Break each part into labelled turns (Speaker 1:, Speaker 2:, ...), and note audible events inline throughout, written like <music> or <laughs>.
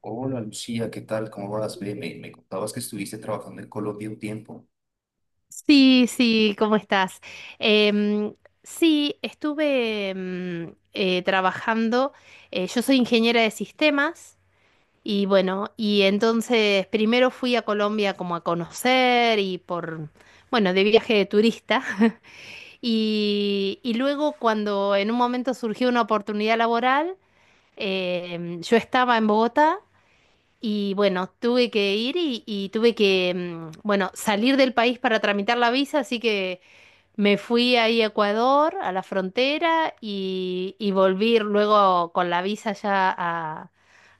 Speaker 1: Hola Lucía, ¿qué tal? ¿Cómo vas? Bien, me contabas que estuviste trabajando en Colombia un tiempo.
Speaker 2: Sí, sí, ¿cómo estás? Em, sí, estuve trabajando, yo soy ingeniera de sistemas y bueno, y entonces primero fui a Colombia como a conocer y bueno, de viaje de turista <laughs> y, luego cuando en un momento surgió una oportunidad laboral, yo estaba en Bogotá. Y bueno, tuve que ir y tuve que, bueno, salir del país para tramitar la visa, así que me fui ahí a Ecuador, a la frontera, y volví luego con la visa ya a,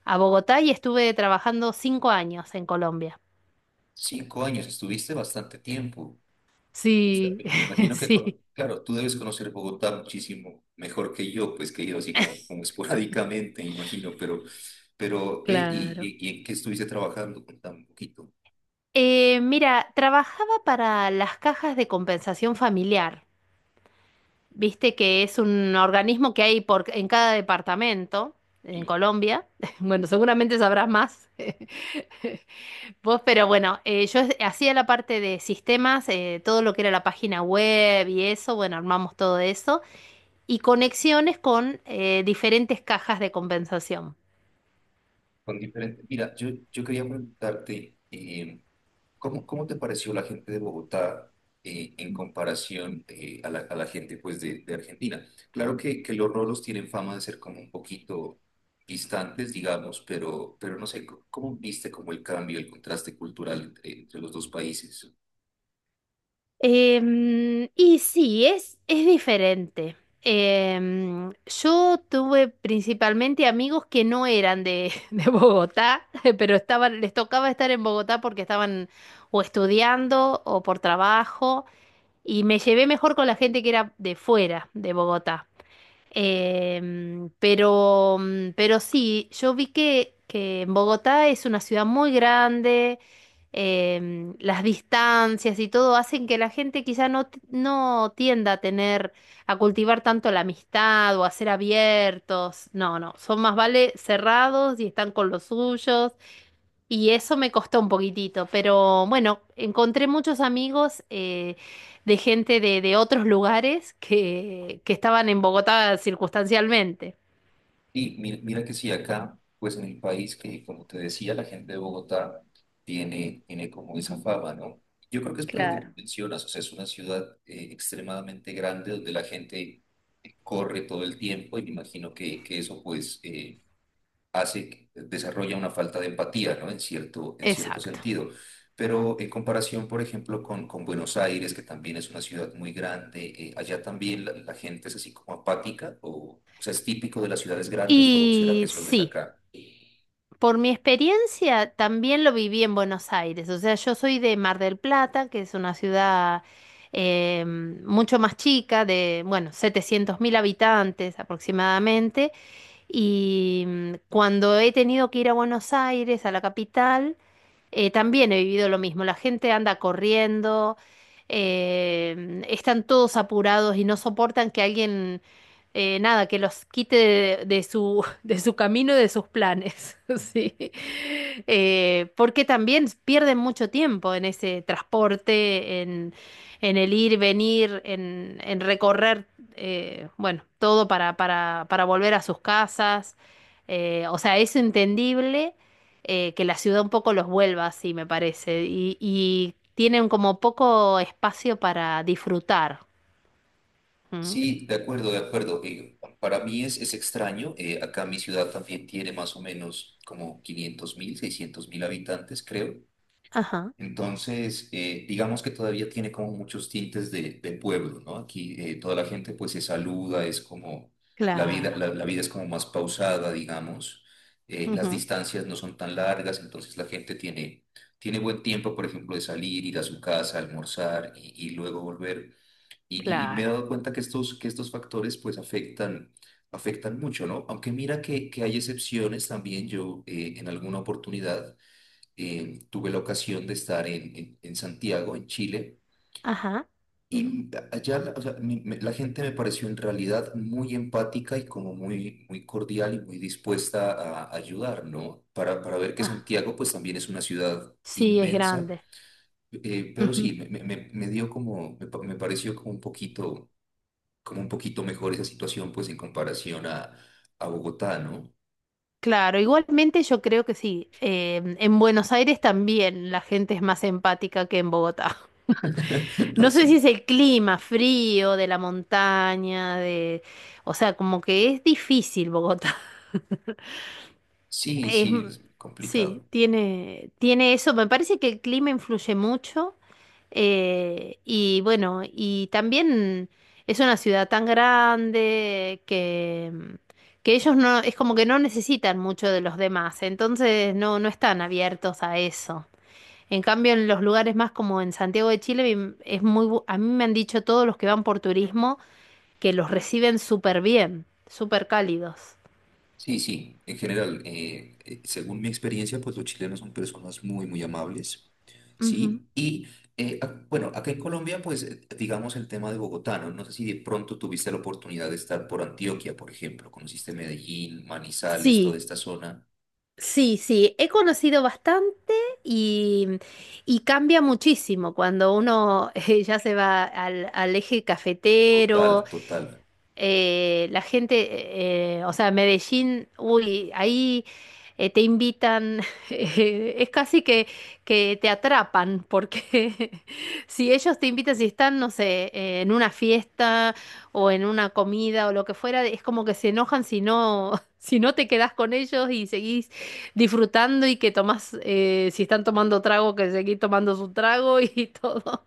Speaker 2: a Bogotá y estuve trabajando 5 años en Colombia.
Speaker 1: 5 años, estuviste bastante tiempo. O sea,
Speaker 2: Sí,
Speaker 1: me
Speaker 2: <laughs>
Speaker 1: imagino que,
Speaker 2: sí,
Speaker 1: claro, tú debes conocer Bogotá muchísimo mejor que yo, pues que he ido así como esporádicamente, me imagino, pero ve,
Speaker 2: claro.
Speaker 1: y, ¿en qué estuviste trabajando? Contame un poquito.
Speaker 2: Mira, trabajaba para las cajas de compensación familiar. Viste que es un organismo que hay en cada departamento en
Speaker 1: Y
Speaker 2: Colombia. <laughs> Bueno, seguramente sabrás más. <laughs> Vos, pero bueno, yo hacía la parte de sistemas, todo lo que era la página web y eso, bueno, armamos todo eso, y conexiones con diferentes cajas de compensación.
Speaker 1: con diferente, mira, yo quería preguntarte, ¿Cómo te pareció la gente de Bogotá en comparación a la gente pues, de Argentina? Claro que los rolos tienen fama de ser como un poquito distantes, digamos, pero no sé, ¿cómo viste como el cambio, el contraste cultural entre los dos países?
Speaker 2: Y sí, es diferente. Yo tuve principalmente amigos que no eran de, <laughs> de Bogotá, <laughs> pero estaban, les tocaba estar en Bogotá porque estaban o estudiando o por trabajo, y me llevé mejor con la gente que era de fuera de Bogotá. Pero sí, yo vi que en Bogotá es una ciudad muy grande, las distancias y todo hacen que la gente quizá no tienda a tener, a cultivar tanto la amistad o a ser abiertos. No, no, son más vale cerrados y están con los suyos. Y eso me costó un poquitito, pero bueno, encontré muchos amigos, de gente de otros lugares que estaban en Bogotá circunstancialmente.
Speaker 1: Y mira, que sí, acá, pues en el país, que como te decía, la gente de Bogotá tiene como esa fama, ¿no? Yo creo que es por lo que
Speaker 2: Claro.
Speaker 1: mencionas, o sea, es una ciudad extremadamente grande donde la gente corre todo el tiempo y me imagino que eso pues hace, desarrolla una falta de empatía, ¿no? En cierto
Speaker 2: Exacto.
Speaker 1: sentido. Pero en comparación, por ejemplo, con Buenos Aires, que también es una ciudad muy grande, allá también la gente es así como apática, o sea, es típico de las ciudades grandes, ¿o será
Speaker 2: Y
Speaker 1: que solo es
Speaker 2: sí,
Speaker 1: acá?
Speaker 2: por mi experiencia también lo viví en Buenos Aires. O sea, yo soy de Mar del Plata, que es una ciudad, mucho más chica, de, bueno, 700.000 habitantes aproximadamente. Cuando he tenido que ir a Buenos Aires, a la capital, también he vivido lo mismo. La gente anda corriendo, están todos apurados y no soportan que alguien, nada, que los quite de su, <laughs> de su camino y de sus planes. <laughs> Sí. Porque también pierden mucho tiempo en ese transporte, en el ir, venir, en recorrer, bueno, todo para, para volver a sus casas. O sea, es entendible, que la ciudad un poco los vuelva así, me parece, y tienen como poco espacio para disfrutar. ¿Mm?
Speaker 1: Sí, de acuerdo, de acuerdo. Para mí es extraño. Acá mi ciudad también tiene más o menos como 500.000, 600.000 habitantes, creo.
Speaker 2: Ajá,
Speaker 1: Entonces, digamos que todavía tiene como muchos tintes de pueblo, ¿no? Aquí toda la gente pues se saluda, es como la vida,
Speaker 2: claro,
Speaker 1: la vida es como más pausada, digamos. Las
Speaker 2: ujú,
Speaker 1: distancias no son tan largas, entonces la gente tiene buen tiempo, por ejemplo, de salir, ir a su casa, almorzar y luego volver. Y, y me
Speaker 2: claro,
Speaker 1: he dado cuenta que estos factores pues afectan mucho, ¿no? Aunque mira que hay excepciones también, yo en alguna oportunidad tuve la ocasión de estar en Santiago, en Chile,
Speaker 2: ajá,
Speaker 1: y allá la o sea, la gente me pareció en realidad muy empática y como muy, muy cordial y muy dispuesta a ayudar, ¿no? Para ver que
Speaker 2: ajá.
Speaker 1: Santiago pues también es una ciudad
Speaker 2: Sí, es
Speaker 1: inmensa,
Speaker 2: grande.
Speaker 1: pero
Speaker 2: Ujú.
Speaker 1: sí, me dio me pareció como un poquito mejor esa situación pues en comparación a Bogotá, ¿no?
Speaker 2: Claro, igualmente yo creo que sí. En Buenos Aires también la gente es más empática que en Bogotá. <laughs>
Speaker 1: <laughs>
Speaker 2: No sé
Speaker 1: Así.
Speaker 2: si es el clima frío de la montaña, de. O sea, como que es difícil Bogotá.
Speaker 1: Sí,
Speaker 2: Es
Speaker 1: sí,
Speaker 2: m-
Speaker 1: es
Speaker 2: sí,
Speaker 1: complicado.
Speaker 2: tiene eso. Me parece que el clima influye mucho. Y bueno, y también es una ciudad tan grande que, que ellos no, es como que no necesitan mucho de los demás. Entonces no, no están abiertos a eso. En cambio, en los lugares más como en Santiago de Chile, es a mí me han dicho todos los que van por turismo que los reciben súper bien, súper cálidos.
Speaker 1: Sí, sí, en general, según mi experiencia, pues los chilenos son personas muy, muy amables,
Speaker 2: Ujú.
Speaker 1: ¿sí? Y bueno, acá en Colombia, pues digamos el tema de Bogotá, ¿no? No sé si de pronto tuviste la oportunidad de estar por Antioquia, por ejemplo, conociste Medellín, Manizales, toda
Speaker 2: Sí,
Speaker 1: esta zona.
Speaker 2: sí, sí, he conocido bastante y, y cambia muchísimo cuando uno <laughs> ya se va al eje cafetero.
Speaker 1: Total, total.
Speaker 2: La gente, o sea, Medellín, uy, ahí te invitan, <laughs> es casi que, te atrapan, porque <laughs> si ellos te invitan, si están, no sé, en una fiesta o en una comida o lo que fuera, es como que se enojan si no, <laughs> si no te quedás con ellos y seguís disfrutando y que tomás, si están tomando trago, que seguís tomando su trago y <laughs> todo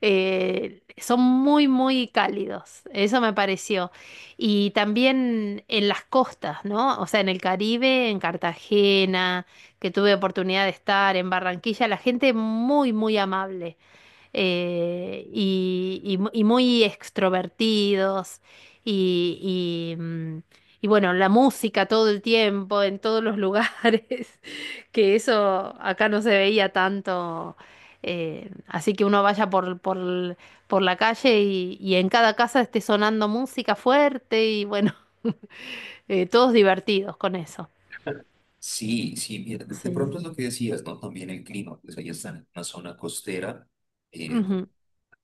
Speaker 2: son muy, muy cálidos, eso me pareció. Y también en las costas, ¿no? O sea, en el Caribe, en Cartagena, que tuve oportunidad de estar, en Barranquilla, la gente muy, muy amable, y muy extrovertidos y, y, mm, y bueno, la música todo el tiempo, en todos los lugares, <laughs> que eso acá no se veía tanto. Así que uno vaya por la calle y en cada casa esté sonando música fuerte y bueno, <laughs> todos divertidos con eso.
Speaker 1: Sí, sí, mira, de
Speaker 2: Sí.
Speaker 1: pronto es lo que decías, ¿no? También el clima, pues ahí está en una zona costera, eh,
Speaker 2: Ujú,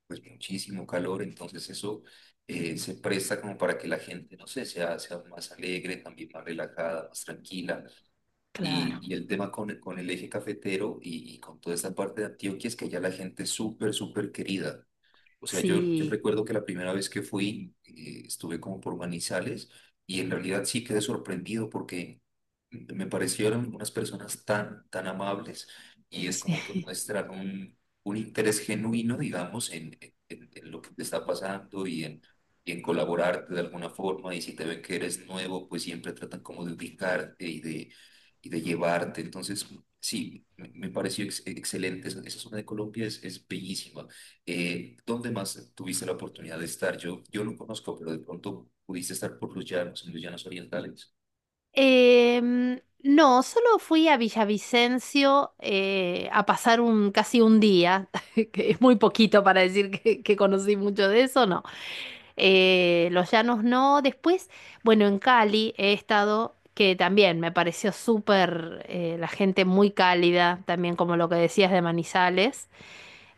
Speaker 1: pues muchísimo calor, entonces eso se presta como para que la gente, no sé, sea más alegre, también más relajada, más tranquila.
Speaker 2: claro.
Speaker 1: Y el tema con el eje cafetero y con toda esta parte de Antioquia es que ya la gente es súper, súper querida. O sea, yo
Speaker 2: Sí,
Speaker 1: recuerdo que la primera vez que fui, estuve como por Manizales y en realidad sí quedé sorprendido porque me parecieron unas personas tan, tan amables y es
Speaker 2: <laughs>
Speaker 1: como que
Speaker 2: sí.
Speaker 1: muestran un interés genuino, digamos, en lo que te está pasando y en colaborarte de alguna forma y si te ven que eres nuevo, pues siempre tratan como de ubicarte y de llevarte. Entonces, sí, me pareció excelente. Esa zona de Colombia es bellísima. ¿Dónde más tuviste la oportunidad de estar? Yo lo conozco, pero de pronto pudiste estar por los llanos, en los llanos orientales.
Speaker 2: No, solo fui a Villavicencio a pasar un casi un día, <laughs> que es muy poquito para decir que conocí mucho de eso, no. Los llanos no. Después, bueno, en Cali he estado, que también me pareció súper, la gente muy cálida, también como lo que decías de Manizales,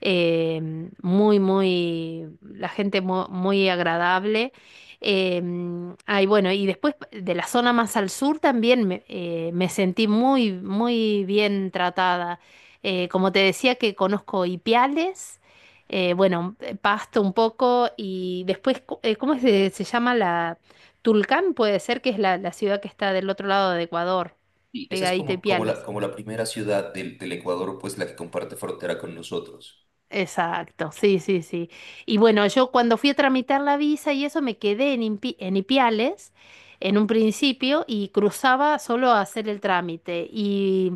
Speaker 2: eh, muy, muy, la gente muy agradable. Eh, Ay, bueno, y después de la zona más al sur también me sentí muy, muy bien tratada. Como te decía que conozco Ipiales, bueno, Pasto un poco y después, ¿cómo se llama la... Tulcán puede ser que es la ciudad que está del otro lado de Ecuador,
Speaker 1: Y esa es
Speaker 2: pegadita a Ipiales.
Speaker 1: como la primera ciudad del Ecuador, pues la que comparte frontera con nosotros.
Speaker 2: Exacto, sí, sí, sí. Y bueno, yo cuando fui a tramitar la visa y eso me quedé en Ipiales en un principio y cruzaba solo a hacer el trámite y,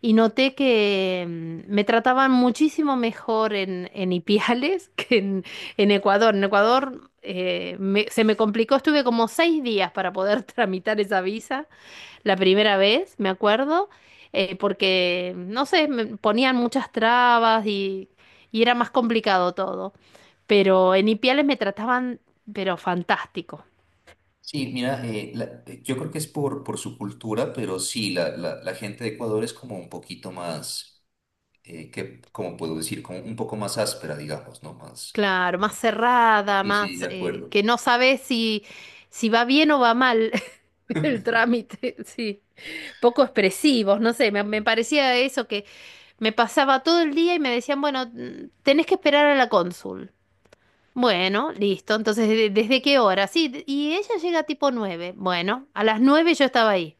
Speaker 2: y noté que me trataban muchísimo mejor en Ipiales <laughs> que en Ecuador. En Ecuador se me complicó, estuve como 6 días para poder <laughs> tramitar esa visa la primera vez, me acuerdo, porque, no sé, me ponían muchas trabas y era más complicado todo. Pero en Ipiales me trataban, pero fantástico.
Speaker 1: Sí, mira, yo creo que es por su cultura, pero sí, la gente de Ecuador es como un poquito más, ¿cómo puedo decir? Como un poco más áspera, digamos, ¿no? Más.
Speaker 2: Claro, más cerrada,
Speaker 1: Sí, sí,
Speaker 2: más
Speaker 1: de
Speaker 2: eh,
Speaker 1: acuerdo.
Speaker 2: que no sabes si va bien o va mal <laughs> el trámite, sí. Poco expresivos, no sé, me parecía eso que me pasaba todo el día y me decían, bueno, tenés que esperar a la cónsul. Bueno, listo. Entonces, ¿desde qué hora? Sí, y ella llega tipo 9. Bueno, a las 9 yo estaba ahí.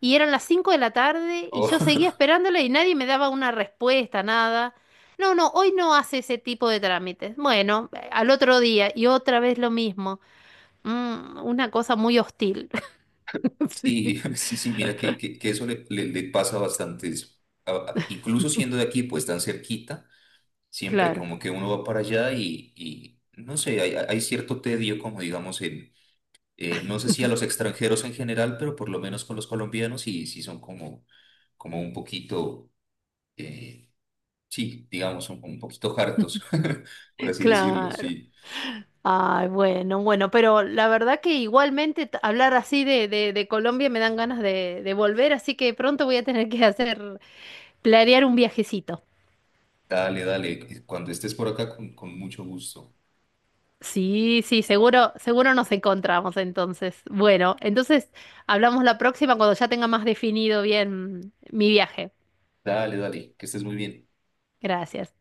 Speaker 2: Y eran las 5 de la tarde y yo
Speaker 1: <laughs>
Speaker 2: seguía esperándola y nadie me daba una respuesta, nada. No, no, hoy no hace ese tipo de trámites. Bueno, al otro día y otra vez lo mismo. Una cosa muy hostil. <laughs> Sí,
Speaker 1: Sí, <laughs> sí, sí, mira que eso le pasa bastante. Incluso siendo de aquí, pues tan cerquita, siempre
Speaker 2: claro,
Speaker 1: como que uno va para allá y no sé, hay cierto tedio, como digamos, no sé si a los extranjeros en general, pero por lo menos con los colombianos sí, sí son como un poquito, eh, sí, digamos, un poquito hartos,
Speaker 2: <laughs>
Speaker 1: <laughs> por así decirlo,
Speaker 2: claro.
Speaker 1: sí.
Speaker 2: Ay, bueno, bueno, pero la verdad que igualmente hablar así de Colombia me dan ganas de volver, así que pronto voy a tener que planear un viajecito.
Speaker 1: Dale, dale, cuando estés por acá con mucho gusto.
Speaker 2: Sí, sí, seguro, seguro nos encontramos entonces. Bueno, entonces hablamos la próxima cuando ya tenga más definido bien mi viaje.
Speaker 1: Dale, dale, que estés muy bien.
Speaker 2: Gracias.